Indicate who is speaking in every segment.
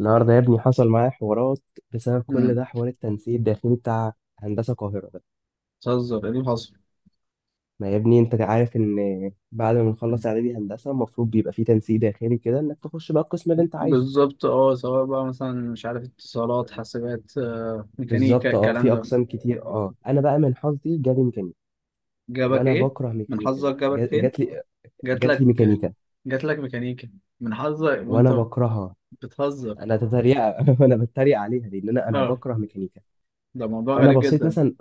Speaker 1: النهارده يا ابني، حصل معايا حوارات بسبب كل
Speaker 2: امم
Speaker 1: ده، حوار التنسيق الداخلي بتاع هندسة القاهرة ده.
Speaker 2: بتهزر ايه اللي حصل؟
Speaker 1: ما يا ابني، انت عارف ان بعد ما نخلص اعدادي هندسة المفروض بيبقى في تنسيق داخلي كده انك تخش بقى القسم اللي انت عايزه.
Speaker 2: بالظبط، اه، سواء بقى مثلا مش عارف اتصالات، حاسبات، ميكانيكا،
Speaker 1: بالظبط،
Speaker 2: الكلام
Speaker 1: في
Speaker 2: ده.
Speaker 1: اقسام كتير. اه انا بقى من حظي جالي ميكانيكا،
Speaker 2: جابك
Speaker 1: وانا
Speaker 2: ايه؟
Speaker 1: بكره
Speaker 2: من
Speaker 1: ميكانيكا
Speaker 2: حظك
Speaker 1: دي.
Speaker 2: جابك فين؟
Speaker 1: جات لي
Speaker 2: جات
Speaker 1: جات لي
Speaker 2: لك.
Speaker 1: ميكانيكا،
Speaker 2: جات لك ميكانيكا؟ من حظك
Speaker 1: وانا
Speaker 2: وانت...
Speaker 1: بكرهها.
Speaker 2: بتهزر.
Speaker 1: انا تتريق انا بتريق عليها لان انا
Speaker 2: اه.
Speaker 1: بكره ميكانيكا.
Speaker 2: ده موضوع
Speaker 1: فانا
Speaker 2: غريب
Speaker 1: بصيت
Speaker 2: جدا.
Speaker 1: مثلا.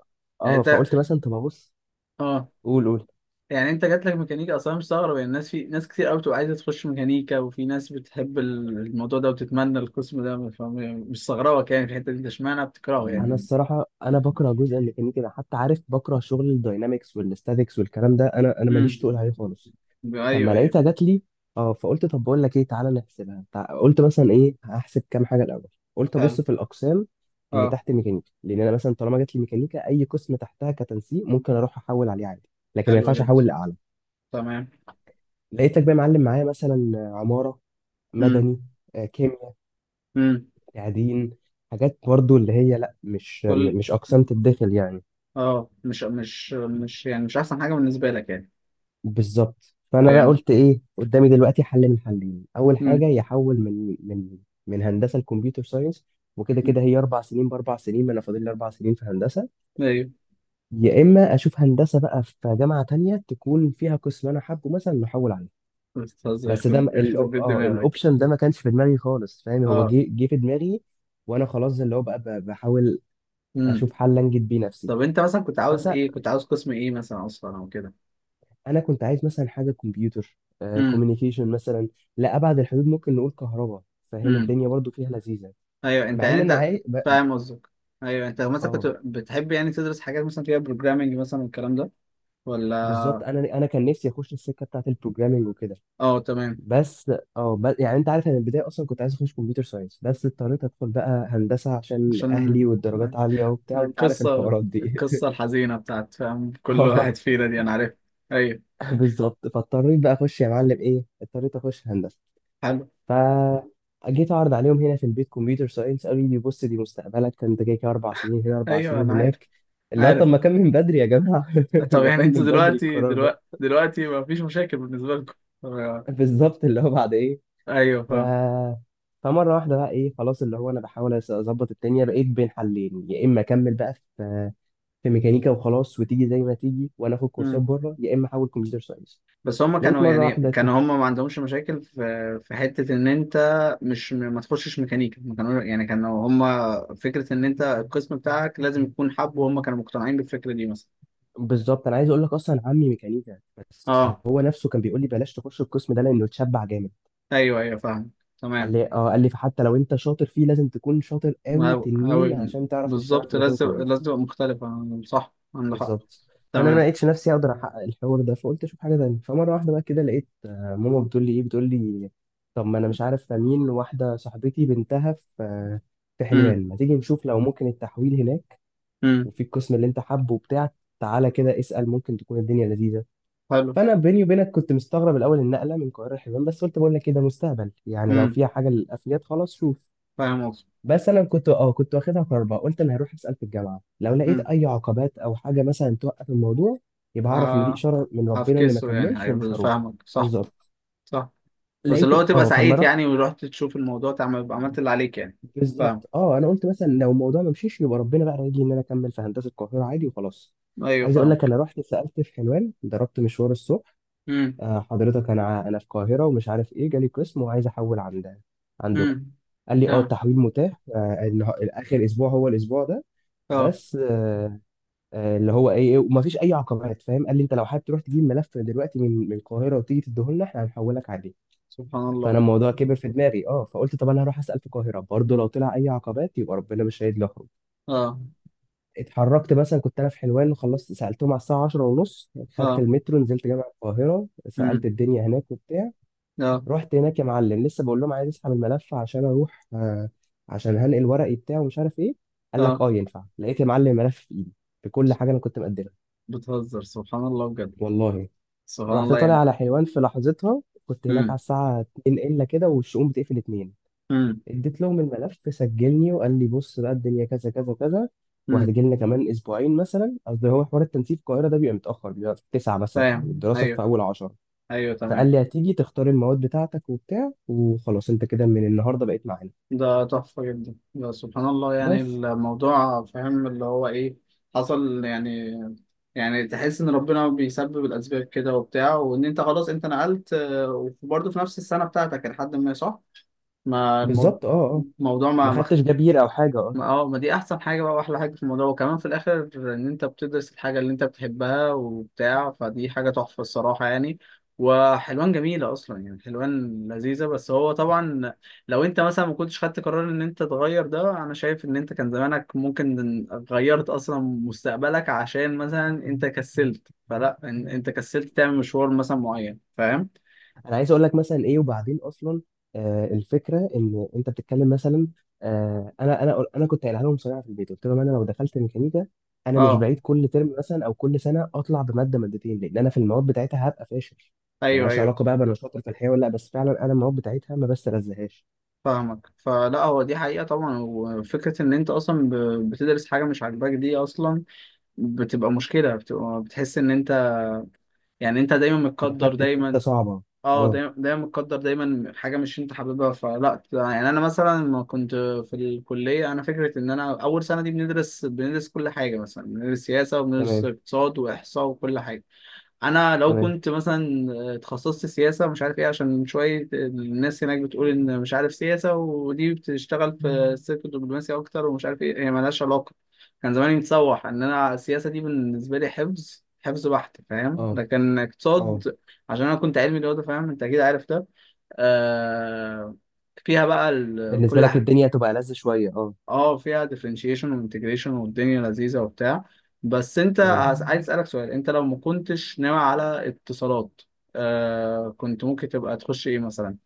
Speaker 2: يعني
Speaker 1: اه
Speaker 2: انت...
Speaker 1: فقلت مثلا طب ابص.
Speaker 2: اه.
Speaker 1: قول قول.
Speaker 2: يعني انت جات لك ميكانيكا اصلا مستغرب يعني. الناس، في ناس كتير قوي بتبقى عايزه تخش ميكانيكا، وفي ناس بتحب الموضوع ده وتتمنى القسم ده، فمش مستغربك يعني في الحته دي. انت اشمعنى بتكرهه
Speaker 1: انا
Speaker 2: يعني؟
Speaker 1: الصراحه انا بكره جزء الميكانيكي ده، حتى عارف بكره شغل الداينامكس والاستاتيكس والكلام ده. انا
Speaker 2: امم.
Speaker 1: ماليش تقول عليه خالص. فلما
Speaker 2: ايوه، ايوه.
Speaker 1: لقيتها جات لي، اه فقلت طب بقول لك ايه، تعالى نحسبها. قلت مثلا ايه، هحسب كام حاجه الاول. قلت ابص
Speaker 2: حلو.
Speaker 1: في الاقسام اللي
Speaker 2: اه،
Speaker 1: تحت ميكانيكا، لان انا مثلا طالما جات لي ميكانيكا اي قسم تحتها كتنسيق ممكن اروح احول عليه عادي، لكن ما
Speaker 2: حلو
Speaker 1: ينفعش
Speaker 2: جدا.
Speaker 1: احول لاعلى.
Speaker 2: تمام.
Speaker 1: لقيتك بقى معلم معايا مثلا عماره،
Speaker 2: امم.
Speaker 1: مدني، كيمياء،
Speaker 2: امم.
Speaker 1: تعدين، حاجات برضو اللي هي لا،
Speaker 2: كل
Speaker 1: مش اقسام تتدخل يعني.
Speaker 2: اه مش يعني مش احسن حاجه بالنسبه لك يعني.
Speaker 1: بالظبط. فانا بقى
Speaker 2: فاهم.
Speaker 1: قلت ايه قدامي دلوقتي؟ حل من حلين، اول حاجه
Speaker 2: امم.
Speaker 1: يحول من هندسه لكمبيوتر ساينس، وكده
Speaker 2: أمم.
Speaker 1: كده هي اربع سنين باربع سنين، ما انا فاضل لي اربع سنين في هندسه.
Speaker 2: ايوه.
Speaker 1: يا اما اشوف هندسه بقى في جامعه تانية تكون فيها قسم انا حابه مثلا نحول عليه.
Speaker 2: استاذ،
Speaker 1: بس ده
Speaker 2: يخرب يخرب بيت دماغك.
Speaker 1: الاوبشن ده ما كانش في دماغي خالص، فاهم؟ هو
Speaker 2: اه.
Speaker 1: جه في دماغي، وانا خلاص اللي هو بقى بحاول
Speaker 2: امم.
Speaker 1: اشوف حل انجد بيه نفسي.
Speaker 2: طب انت مثلا كنت عاوز قسم ايه مثلا اصلا او كده؟
Speaker 1: انا كنت عايز مثلا حاجه كمبيوتر،
Speaker 2: امم.
Speaker 1: كوميونيكيشن مثلا، لا ابعد الحدود ممكن نقول كهرباء، فاهم؟
Speaker 2: امم.
Speaker 1: الدنيا برضو فيها لذيذه،
Speaker 2: ايوه. انت
Speaker 1: مع
Speaker 2: يعني
Speaker 1: ان انا
Speaker 2: انت
Speaker 1: عايز
Speaker 2: فاهم قصدك. ايوه، انت مثلا كنت
Speaker 1: اه
Speaker 2: بتحب يعني تدرس حاجات مثلا فيها بروجرامنج مثلا والكلام ده؟
Speaker 1: بالظبط،
Speaker 2: ولا؟
Speaker 1: انا كان نفسي اخش السكه بتاعت البروجرامنج وكده،
Speaker 2: اه، تمام.
Speaker 1: بس. يعني انت عارف انا البدايه اصلا كنت عايز اخش كمبيوتر ساينس، بس اضطريت ادخل بقى هندسه عشان اهلي
Speaker 2: عشان
Speaker 1: والدرجات عاليه وبتاع، وانت عارف
Speaker 2: القصة
Speaker 1: الحوارات دي.
Speaker 2: القصة الحزينة بتاعت، فاهم، كل واحد
Speaker 1: اه
Speaker 2: فينا دي، أنا عارف. أيوه.
Speaker 1: بالظبط، فاضطريت بقى اخش يا معلم ايه، اضطريت اخش هندسه.
Speaker 2: حلو.
Speaker 1: فجيت اعرض عليهم هنا في البيت كمبيوتر ساينس، قالوا لي بص دي مستقبلك ده، انت كده كده اربع سنين هنا اربع
Speaker 2: أيوه
Speaker 1: سنين
Speaker 2: أنا عارف،
Speaker 1: هناك. اللي هو طب
Speaker 2: عارف.
Speaker 1: ما كان من بدري يا جماعه؟
Speaker 2: طب
Speaker 1: ما
Speaker 2: يعني
Speaker 1: كان
Speaker 2: أنتوا
Speaker 1: من بدري
Speaker 2: دلوقتي
Speaker 1: القرار ده.
Speaker 2: دلوقتي دلوقتي ما فيش مشاكل بالنسبة لكم، طب-
Speaker 1: بالظبط، اللي هو بعد ايه.
Speaker 2: أيوه
Speaker 1: ف
Speaker 2: فاهم.
Speaker 1: فمره واحده بقى ايه خلاص، اللي هو انا بحاول اظبط الدنيا، بقيت بين حلين، يا اما اكمل بقى في ميكانيكا وخلاص وتيجي زي ما تيجي وانا اخد كورسات
Speaker 2: مم.
Speaker 1: بره، يا اما احول كمبيوتر ساينس.
Speaker 2: بس هما
Speaker 1: لقيت
Speaker 2: كانوا
Speaker 1: مره
Speaker 2: يعني
Speaker 1: واحده كده.
Speaker 2: كانوا هما ما عندهمش مشاكل في حتة إن أنت مش ما تخشش ميكانيكا. ما كانوا هما فكرة إن أنت القسم بتاعك لازم يكون حب، وهم كانوا مقتنعين بالفكرة دي مثلا؟
Speaker 1: بالظبط، انا عايز اقول لك اصلا عمي ميكانيكا، بس
Speaker 2: أه.
Speaker 1: هو نفسه كان بيقول لي بلاش تخش القسم ده لانه اتشبع جامد.
Speaker 2: أيوه، أيوه، فاهم.
Speaker 1: قال
Speaker 2: تمام.
Speaker 1: لي اه قال لي فحتى لو انت شاطر فيه لازم تكون شاطر قوي
Speaker 2: أو
Speaker 1: تنين عشان تعرف تشتغل
Speaker 2: بالظبط،
Speaker 1: في مكان
Speaker 2: لازم لازم
Speaker 1: كويس.
Speaker 2: تبقى مختلفة صح، عندك حق.
Speaker 1: بالظبط. فانا ما
Speaker 2: تمام.
Speaker 1: لقيتش نفسي اقدر احقق الحوار ده، فقلت اشوف حاجه تانية. فمره واحده بقى كده لقيت ماما بتقول لي ايه، بتقول لي طب ما انا مش عارف، امين واحده صاحبتي بنتها في
Speaker 2: أمم.
Speaker 1: حلوان، ما تيجي نشوف لو ممكن التحويل هناك
Speaker 2: أمم.
Speaker 1: وفي القسم اللي انت حابه وبتاع، تعالى كده اسال ممكن تكون الدنيا لذيذه.
Speaker 2: حلو.
Speaker 1: فانا بيني وبينك كنت مستغرب الاول النقله من القاهره لحلوان، بس قلت بقول لك كده مستقبل يعني، لو
Speaker 2: أمم.
Speaker 1: فيها حاجه للافياد خلاص شوف.
Speaker 2: فاهم قصدي.
Speaker 1: بس انا كنت واخدها كربه، قلت انا هروح اسال في الجامعه لو لقيت
Speaker 2: أمم.
Speaker 1: اي عقبات او حاجه مثلا توقف الموضوع يبقى اعرف ان دي
Speaker 2: آه
Speaker 1: اشاره من ربنا اني ما
Speaker 2: هفكسه يعني.
Speaker 1: اكملش ومش
Speaker 2: أيوه،
Speaker 1: هروح.
Speaker 2: فاهمك. صح.
Speaker 1: بالظبط.
Speaker 2: صح. بس
Speaker 1: لقيت.
Speaker 2: اللي هو تبقى
Speaker 1: اه فما
Speaker 2: سعيد
Speaker 1: رحت.
Speaker 2: يعني، ورحت تشوف الموضوع تعمل، يبقى عملت اللي عليك يعني. فاهم.
Speaker 1: بالظبط، انا قلت مثلا لو الموضوع ما مشيش يبقى ربنا بقى رايجي ان انا اكمل في هندسه القاهره عادي وخلاص.
Speaker 2: أيوه،
Speaker 1: عايز اقول لك،
Speaker 2: فاهمك.
Speaker 1: انا رحت سالت في حلوان، ضربت مشوار الصبح.
Speaker 2: أمم.
Speaker 1: آه حضرتك، انا في القاهره ومش عارف ايه، جالي قسم وعايز احول عندكم.
Speaker 2: أمم.
Speaker 1: قال لي
Speaker 2: تمام.
Speaker 1: التحويل متاح. اخر اسبوع هو الاسبوع ده.
Speaker 2: أه،
Speaker 1: بس اللي هو ايه إيه، وما فيش اي عقبات فاهم. قال لي انت لو حابب تروح تجيب ملف دلوقتي من القاهره وتيجي تديه لنا احنا هنحولك عليه.
Speaker 2: سبحان
Speaker 1: فانا
Speaker 2: الله.
Speaker 1: الموضوع كبر في دماغي، فقلت طب انا هروح اسال في القاهره برضه لو طلع اي عقبات يبقى ربنا مش هيدلي اخرج.
Speaker 2: أه.
Speaker 1: اتحركت، مثلا كنت انا في حلوان وخلصت سالتهم على الساعه 10 ونص، خدت
Speaker 2: أه.
Speaker 1: المترو نزلت جامع القاهره سالت
Speaker 2: أمم.
Speaker 1: الدنيا هناك وبتاع.
Speaker 2: أه.
Speaker 1: رحت هناك يا معلم، لسه بقول لهم عايز اسحب الملف عشان اروح، عشان هنقل ورقي بتاعه ومش عارف ايه. قال لك
Speaker 2: أه،
Speaker 1: ينفع، لقيت يا معلم الملف في ايدي بكل حاجه انا كنت مقدمها.
Speaker 2: بتهزر؟ سبحان الله بجد.
Speaker 1: والله.
Speaker 2: سبحان
Speaker 1: رحت
Speaker 2: الله
Speaker 1: طالع
Speaker 2: يعني.
Speaker 1: على حلوان، في لحظتها كنت هناك
Speaker 2: أمم.
Speaker 1: على الساعه 2 الا كده، والشؤون بتقفل 2.
Speaker 2: أمم.
Speaker 1: اديت لهم الملف سجلني، وقال لي بص بقى الدنيا كذا كذا كذا،
Speaker 2: أمم.
Speaker 1: وهتجي لنا كمان اسبوعين مثلا، قصدي هو حوار التنسيق في القاهره ده بيبقى متاخر، بيبقى في 9 مثلا
Speaker 2: فاهم.
Speaker 1: والدراسه
Speaker 2: أيوه.
Speaker 1: في اول 10.
Speaker 2: ايوه،
Speaker 1: فقال
Speaker 2: تمام.
Speaker 1: لي هتيجي تختار المواد بتاعتك وبتاع، وخلاص انت كده من النهارده بقيت معانا
Speaker 2: ده تحفة جدا ده، سبحان الله يعني
Speaker 1: بس.
Speaker 2: الموضوع، فاهم، اللي هو ايه حصل يعني. يعني تحس ان ربنا بيسبب الاسباب كده وبتاع، وان انت خلاص انت نقلت وبرضه في نفس السنة بتاعتك لحد ما، صح؟ ما الموضوع.
Speaker 1: بالظبط. اه اه
Speaker 2: الموضوع
Speaker 1: ما
Speaker 2: ما ما.
Speaker 1: خدتش جبير او حاجه اه
Speaker 2: ما، اه. ما دي احسن حاجه بقى واحلى حاجه في الموضوع، وكمان في الاخر ان انت بتدرس الحاجه اللي انت بتحبها وبتاع، فدي حاجه تحفه الصراحه يعني. وحلوان جميله اصلا يعني، حلوان لذيذه. بس هو طبعا، لو انت مثلا ما كنتش خدت قرار ان انت تغير ده، انا شايف ان انت كان زمانك ممكن غيرت اصلا مستقبلك، عشان مثلا انت كسلت، فلا، انت كسلت تعمل مشوار مثلا معين، فاهم.
Speaker 1: انا عايز اقول لك مثلا ايه، وبعدين اصلا الفكره ان انت بتتكلم مثلا. انا كنت قايلها لهم صراحه في البيت، قلت لهم انا لو دخلت ميكانيكا انا مش
Speaker 2: اه.
Speaker 1: بعيد كل ترم مثلا او كل سنه اطلع بماده مادتين، لان انا في المواد بتاعتها هبقى فاشل.
Speaker 2: ايوه،
Speaker 1: ملهاش
Speaker 2: ايوه،
Speaker 1: علاقه بقى بأنا شاطر في الحياه ولا لا، بس فعلا انا المواد بتاعتها ما بستلذهاش.
Speaker 2: فاهمك. فلا هو دي حقيقة طبعا، وفكرة ان انت اصلا بتدرس حاجة مش عاجباك دي اصلا بتبقى مشكلة، بتبقى بتحس ان انت، يعني انت دايما متقدر
Speaker 1: دخلت في
Speaker 2: دايما.
Speaker 1: حته صعبه.
Speaker 2: اه،
Speaker 1: اه.
Speaker 2: دايما دايما متقدر دايما حاجة مش انت حاببها. فلا يعني انا مثلا لما كنت في الكلية، انا فكرة ان انا اول سنة دي بندرس كل حاجة، مثلا بندرس سياسة وبندرس
Speaker 1: تمام.
Speaker 2: اقتصاد واحصاء وكل حاجة. انا لو
Speaker 1: تمام.
Speaker 2: كنت مثلا اتخصصت سياسه مش عارف ايه، عشان شويه الناس هناك بتقول ان مش عارف سياسه ودي بتشتغل في السلك الدبلوماسي اكتر، ومش عارف ايه، هي ملهاش علاقه. كان زماني متسوح ان انا السياسه دي بالنسبه لي حفظ حفظ بحت، فاهم،
Speaker 1: اه.
Speaker 2: لكن
Speaker 1: اه
Speaker 2: اقتصاد، عشان انا كنت علمي رياضه، فاهم انت اكيد عارف ده. آه فيها بقى
Speaker 1: بالنسبه لك الدنيا هتبقى لذ شويه. اه.
Speaker 2: اه فيها differentiation و integration والدنيا لذيذة وبتاع. بس انت
Speaker 1: اه
Speaker 2: عايز اسألك سؤال، انت لو ما كنتش ناوي على اتصالات، كنت ممكن تبقى تخش ايه مثلا؟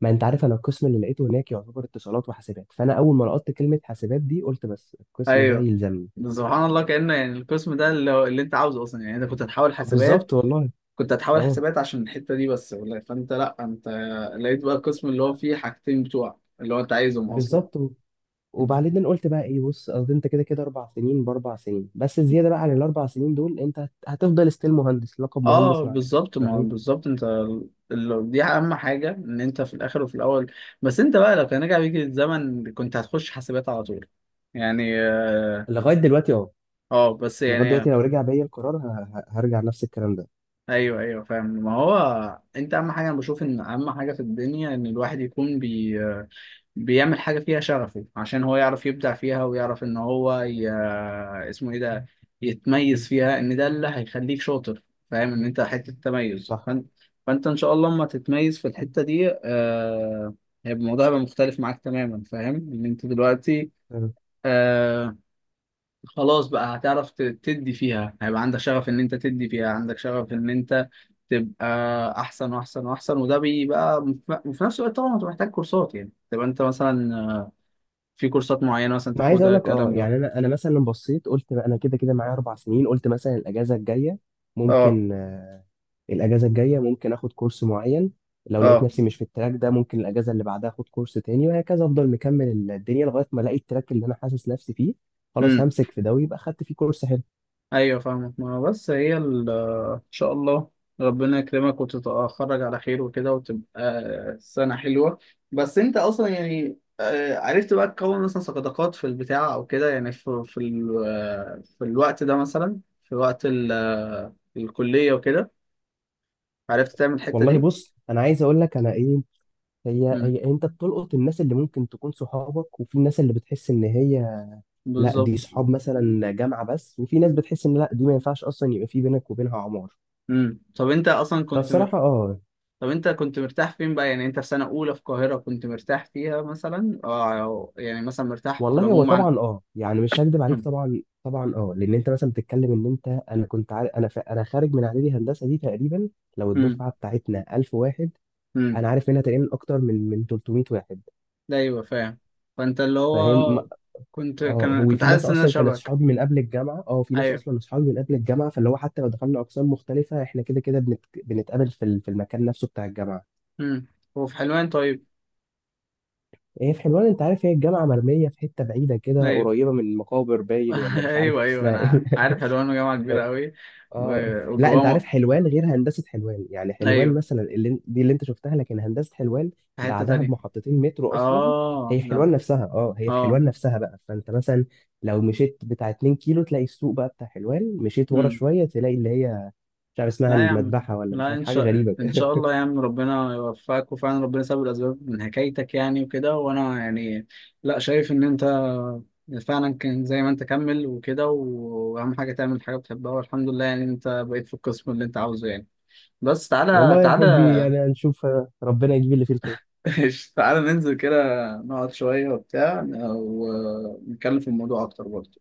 Speaker 1: ما انت عارف انا القسم اللي لقيته هناك يعتبر اتصالات وحاسبات، فانا اول ما لقطت كلمه حاسبات دي قلت بس القسم ده
Speaker 2: ايوه.
Speaker 1: يلزمني.
Speaker 2: ده سبحان الله، كأنه يعني القسم ده اللي انت عاوزه اصلا، يعني انت كنت هتحاول حسابات.
Speaker 1: بالظبط والله.
Speaker 2: كنت هتحاول
Speaker 1: اه
Speaker 2: حسابات عشان الحتة دي بس، فانت، لا، انت لقيت بقى القسم اللي هو فيه حاجتين بتوع اللي هو انت عايزهم اصلا.
Speaker 1: بالظبط. وبعدين أنا قلت بقى ايه، بص قصدي انت كده كده اربع سنين باربع سنين، بس الزياده بقى عن الاربع سنين دول انت هتفضل ستيل مهندس، لقب
Speaker 2: اه
Speaker 1: مهندس معاك
Speaker 2: بالظبط، ما هو
Speaker 1: فاهم.
Speaker 2: بالظبط انت دي اهم حاجه ان انت في الاخر وفي الاول. بس انت بقى لو كان رجع بيك الزمن كنت هتخش حاسبات على طول يعني؟
Speaker 1: لغايه دلوقتي اه.
Speaker 2: اه بس
Speaker 1: لغايه دلوقتي
Speaker 2: يعني.
Speaker 1: لو رجع بيا القرار هرجع نفس الكلام ده.
Speaker 2: ايوه، ايوه، فاهم. ما هو انت اهم حاجه، انا بشوف ان اهم حاجه في الدنيا ان الواحد يكون بيعمل حاجة فيها شغفه، عشان هو يعرف يبدع فيها ويعرف إن هو اسمه إيه ده، يتميز فيها، إن ده اللي هيخليك شاطر، فاهم إن أنت حتة تميز،
Speaker 1: صح.
Speaker 2: فأنت فأنت إن شاء الله لما تتميز في الحتة دي هيبقى الموضوع، هيبقى مختلف معاك تماما، فاهم إن أنت دلوقتي آه... خلاص بقى هتعرف تدي فيها، هيبقى عندك شغف إن أنت تدي فيها، عندك شغف إن أنت تبقى أحسن وأحسن وأحسن، وده بيبقى، وفي وفي نفس الوقت طبعا أنت محتاج كورسات، يعني تبقى أنت مثلا في كورسات معينة مثلا
Speaker 1: ما عايز اقول
Speaker 2: تاخدها،
Speaker 1: لك،
Speaker 2: الكلام ده.
Speaker 1: يعني انا مثلا لما بصيت قلت بقى انا كده كده معايا اربع سنين، قلت مثلا الاجازه الجايه
Speaker 2: اه.
Speaker 1: ممكن، الاجازه الجايه ممكن اخد كورس معين. لو لقيت
Speaker 2: اه.
Speaker 1: نفسي مش في التراك ده، ممكن الاجازه اللي بعدها اخد كورس تاني وهكذا، افضل مكمل الدنيا لغايه ما الاقي التراك اللي انا حاسس نفسي فيه، خلاص
Speaker 2: امم.
Speaker 1: همسك في ده ويبقى خدت فيه كورس حلو.
Speaker 2: ايوه فاهمك. ما هو بس هي ان شاء الله ربنا يكرمك وتتخرج على خير وكده، وتبقى سنة حلوة. بس انت اصلا يعني عرفت بقى تكون مثلا صداقات في البتاع او كده، يعني في في الوقت ده مثلا، في وقت الكلية وكده، عرفت تعمل الحتة
Speaker 1: والله
Speaker 2: دي؟
Speaker 1: بص، انا عايز اقول لك انا ايه، هي
Speaker 2: امم.
Speaker 1: هي انت بتلقط الناس اللي ممكن تكون صحابك، وفي الناس اللي بتحس ان هي لا
Speaker 2: بالظبط.
Speaker 1: دي صحاب مثلا جامعه بس، وفي ناس بتحس ان لا دي ما ينفعش اصلا يبقى في بينك وبينها عمار.
Speaker 2: امم. طب انت اصلا كنت.
Speaker 1: فالصراحة اه.
Speaker 2: طب انت كنت مرتاح فين بقى، يعني انت في سنة اولى في القاهرة كنت مرتاح فيها مثلا، اه أو يعني مثلا مرتاح في
Speaker 1: والله هو
Speaker 2: العموم عن...
Speaker 1: طبعا، يعني مش هكدب عليك طبعا طبعا، لان انت مثلا بتتكلم ان انت، انا كنت عارف انا انا خارج من اعدادي هندسة دي تقريبا. لو
Speaker 2: امم.
Speaker 1: الدفعة بتاعتنا 1000 واحد،
Speaker 2: امم.
Speaker 1: انا عارف منها تقريبا اكتر من 300 واحد.
Speaker 2: ده. ايوه فاهم. فانت اللي
Speaker 1: فاهم.
Speaker 2: هو كنت كان
Speaker 1: هو
Speaker 2: كنت
Speaker 1: في ناس
Speaker 2: حاسس ان انا
Speaker 1: اصلا كانت
Speaker 2: شبك.
Speaker 1: صحابي من قبل الجامعة، في ناس
Speaker 2: ايوه.
Speaker 1: اصلا صحابي من قبل الجامعة، فاللي هو حتى لو دخلنا اقسام مختلفة احنا كده كده بنتقابل في المكان نفسه بتاع الجامعة.
Speaker 2: امم. وفي حلوان، طيب؟
Speaker 1: هي في حلوان، انت عارف هي الجامعة مرمية في حتة بعيدة كده
Speaker 2: ايوه.
Speaker 1: قريبة من مقابر باين، ولا مش عارف
Speaker 2: ايوه، ايوه
Speaker 1: اسمها ايه.
Speaker 2: انا عارف، حلوان جامعة كبيرة قوي.
Speaker 1: اه لا، انت عارف
Speaker 2: وجواه.
Speaker 1: حلوان غير هندسه حلوان، يعني حلوان
Speaker 2: ايوه،
Speaker 1: مثلا اللي دي اللي انت شفتها، لكن هندسه حلوان
Speaker 2: في حتة
Speaker 1: بعدها
Speaker 2: تانية.
Speaker 1: بمحطتين مترو اصلا.
Speaker 2: اه،
Speaker 1: هي في
Speaker 2: لا.
Speaker 1: حلوان نفسها اه هي في
Speaker 2: اه،
Speaker 1: حلوان نفسها بقى، فانت مثلا لو مشيت بتاع 2 كيلو تلاقي السوق بقى بتاع حلوان، مشيت ورا شويه تلاقي اللي هي مش عارف اسمها
Speaker 2: لا يا عم.
Speaker 1: المذبحه، ولا مش
Speaker 2: لا،
Speaker 1: عارف
Speaker 2: ان
Speaker 1: حاجه
Speaker 2: شاء
Speaker 1: غريبه
Speaker 2: ان
Speaker 1: كده.
Speaker 2: شاء الله يا عم ربنا يوفقك، وفعلا ربنا سبب الاسباب من حكايتك يعني وكده، وانا يعني لا شايف ان انت فعلا كان زي ما انت كمل وكده، واهم حاجه تعمل حاجه بتحبها، والحمد لله يعني انت بقيت في القسم اللي انت عاوزه يعني. بس تعالى،
Speaker 1: والله يا حبي،
Speaker 2: تعالى.
Speaker 1: يعني هنشوف، ربنا يجيب اللي فيه الخير.
Speaker 2: تعالى ننزل كده، نقعد شويه وبتاع، ونتكلم في الموضوع اكتر برضه.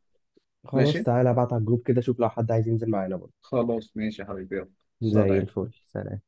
Speaker 1: خلاص
Speaker 2: ماشي.
Speaker 1: تعالى ابعت على الجروب كده، شوف لو حد عايز ينزل معانا برضه.
Speaker 2: خلاص، ماشي يا حبيبي، يلا،
Speaker 1: زي
Speaker 2: سلام.
Speaker 1: الفل. سلام.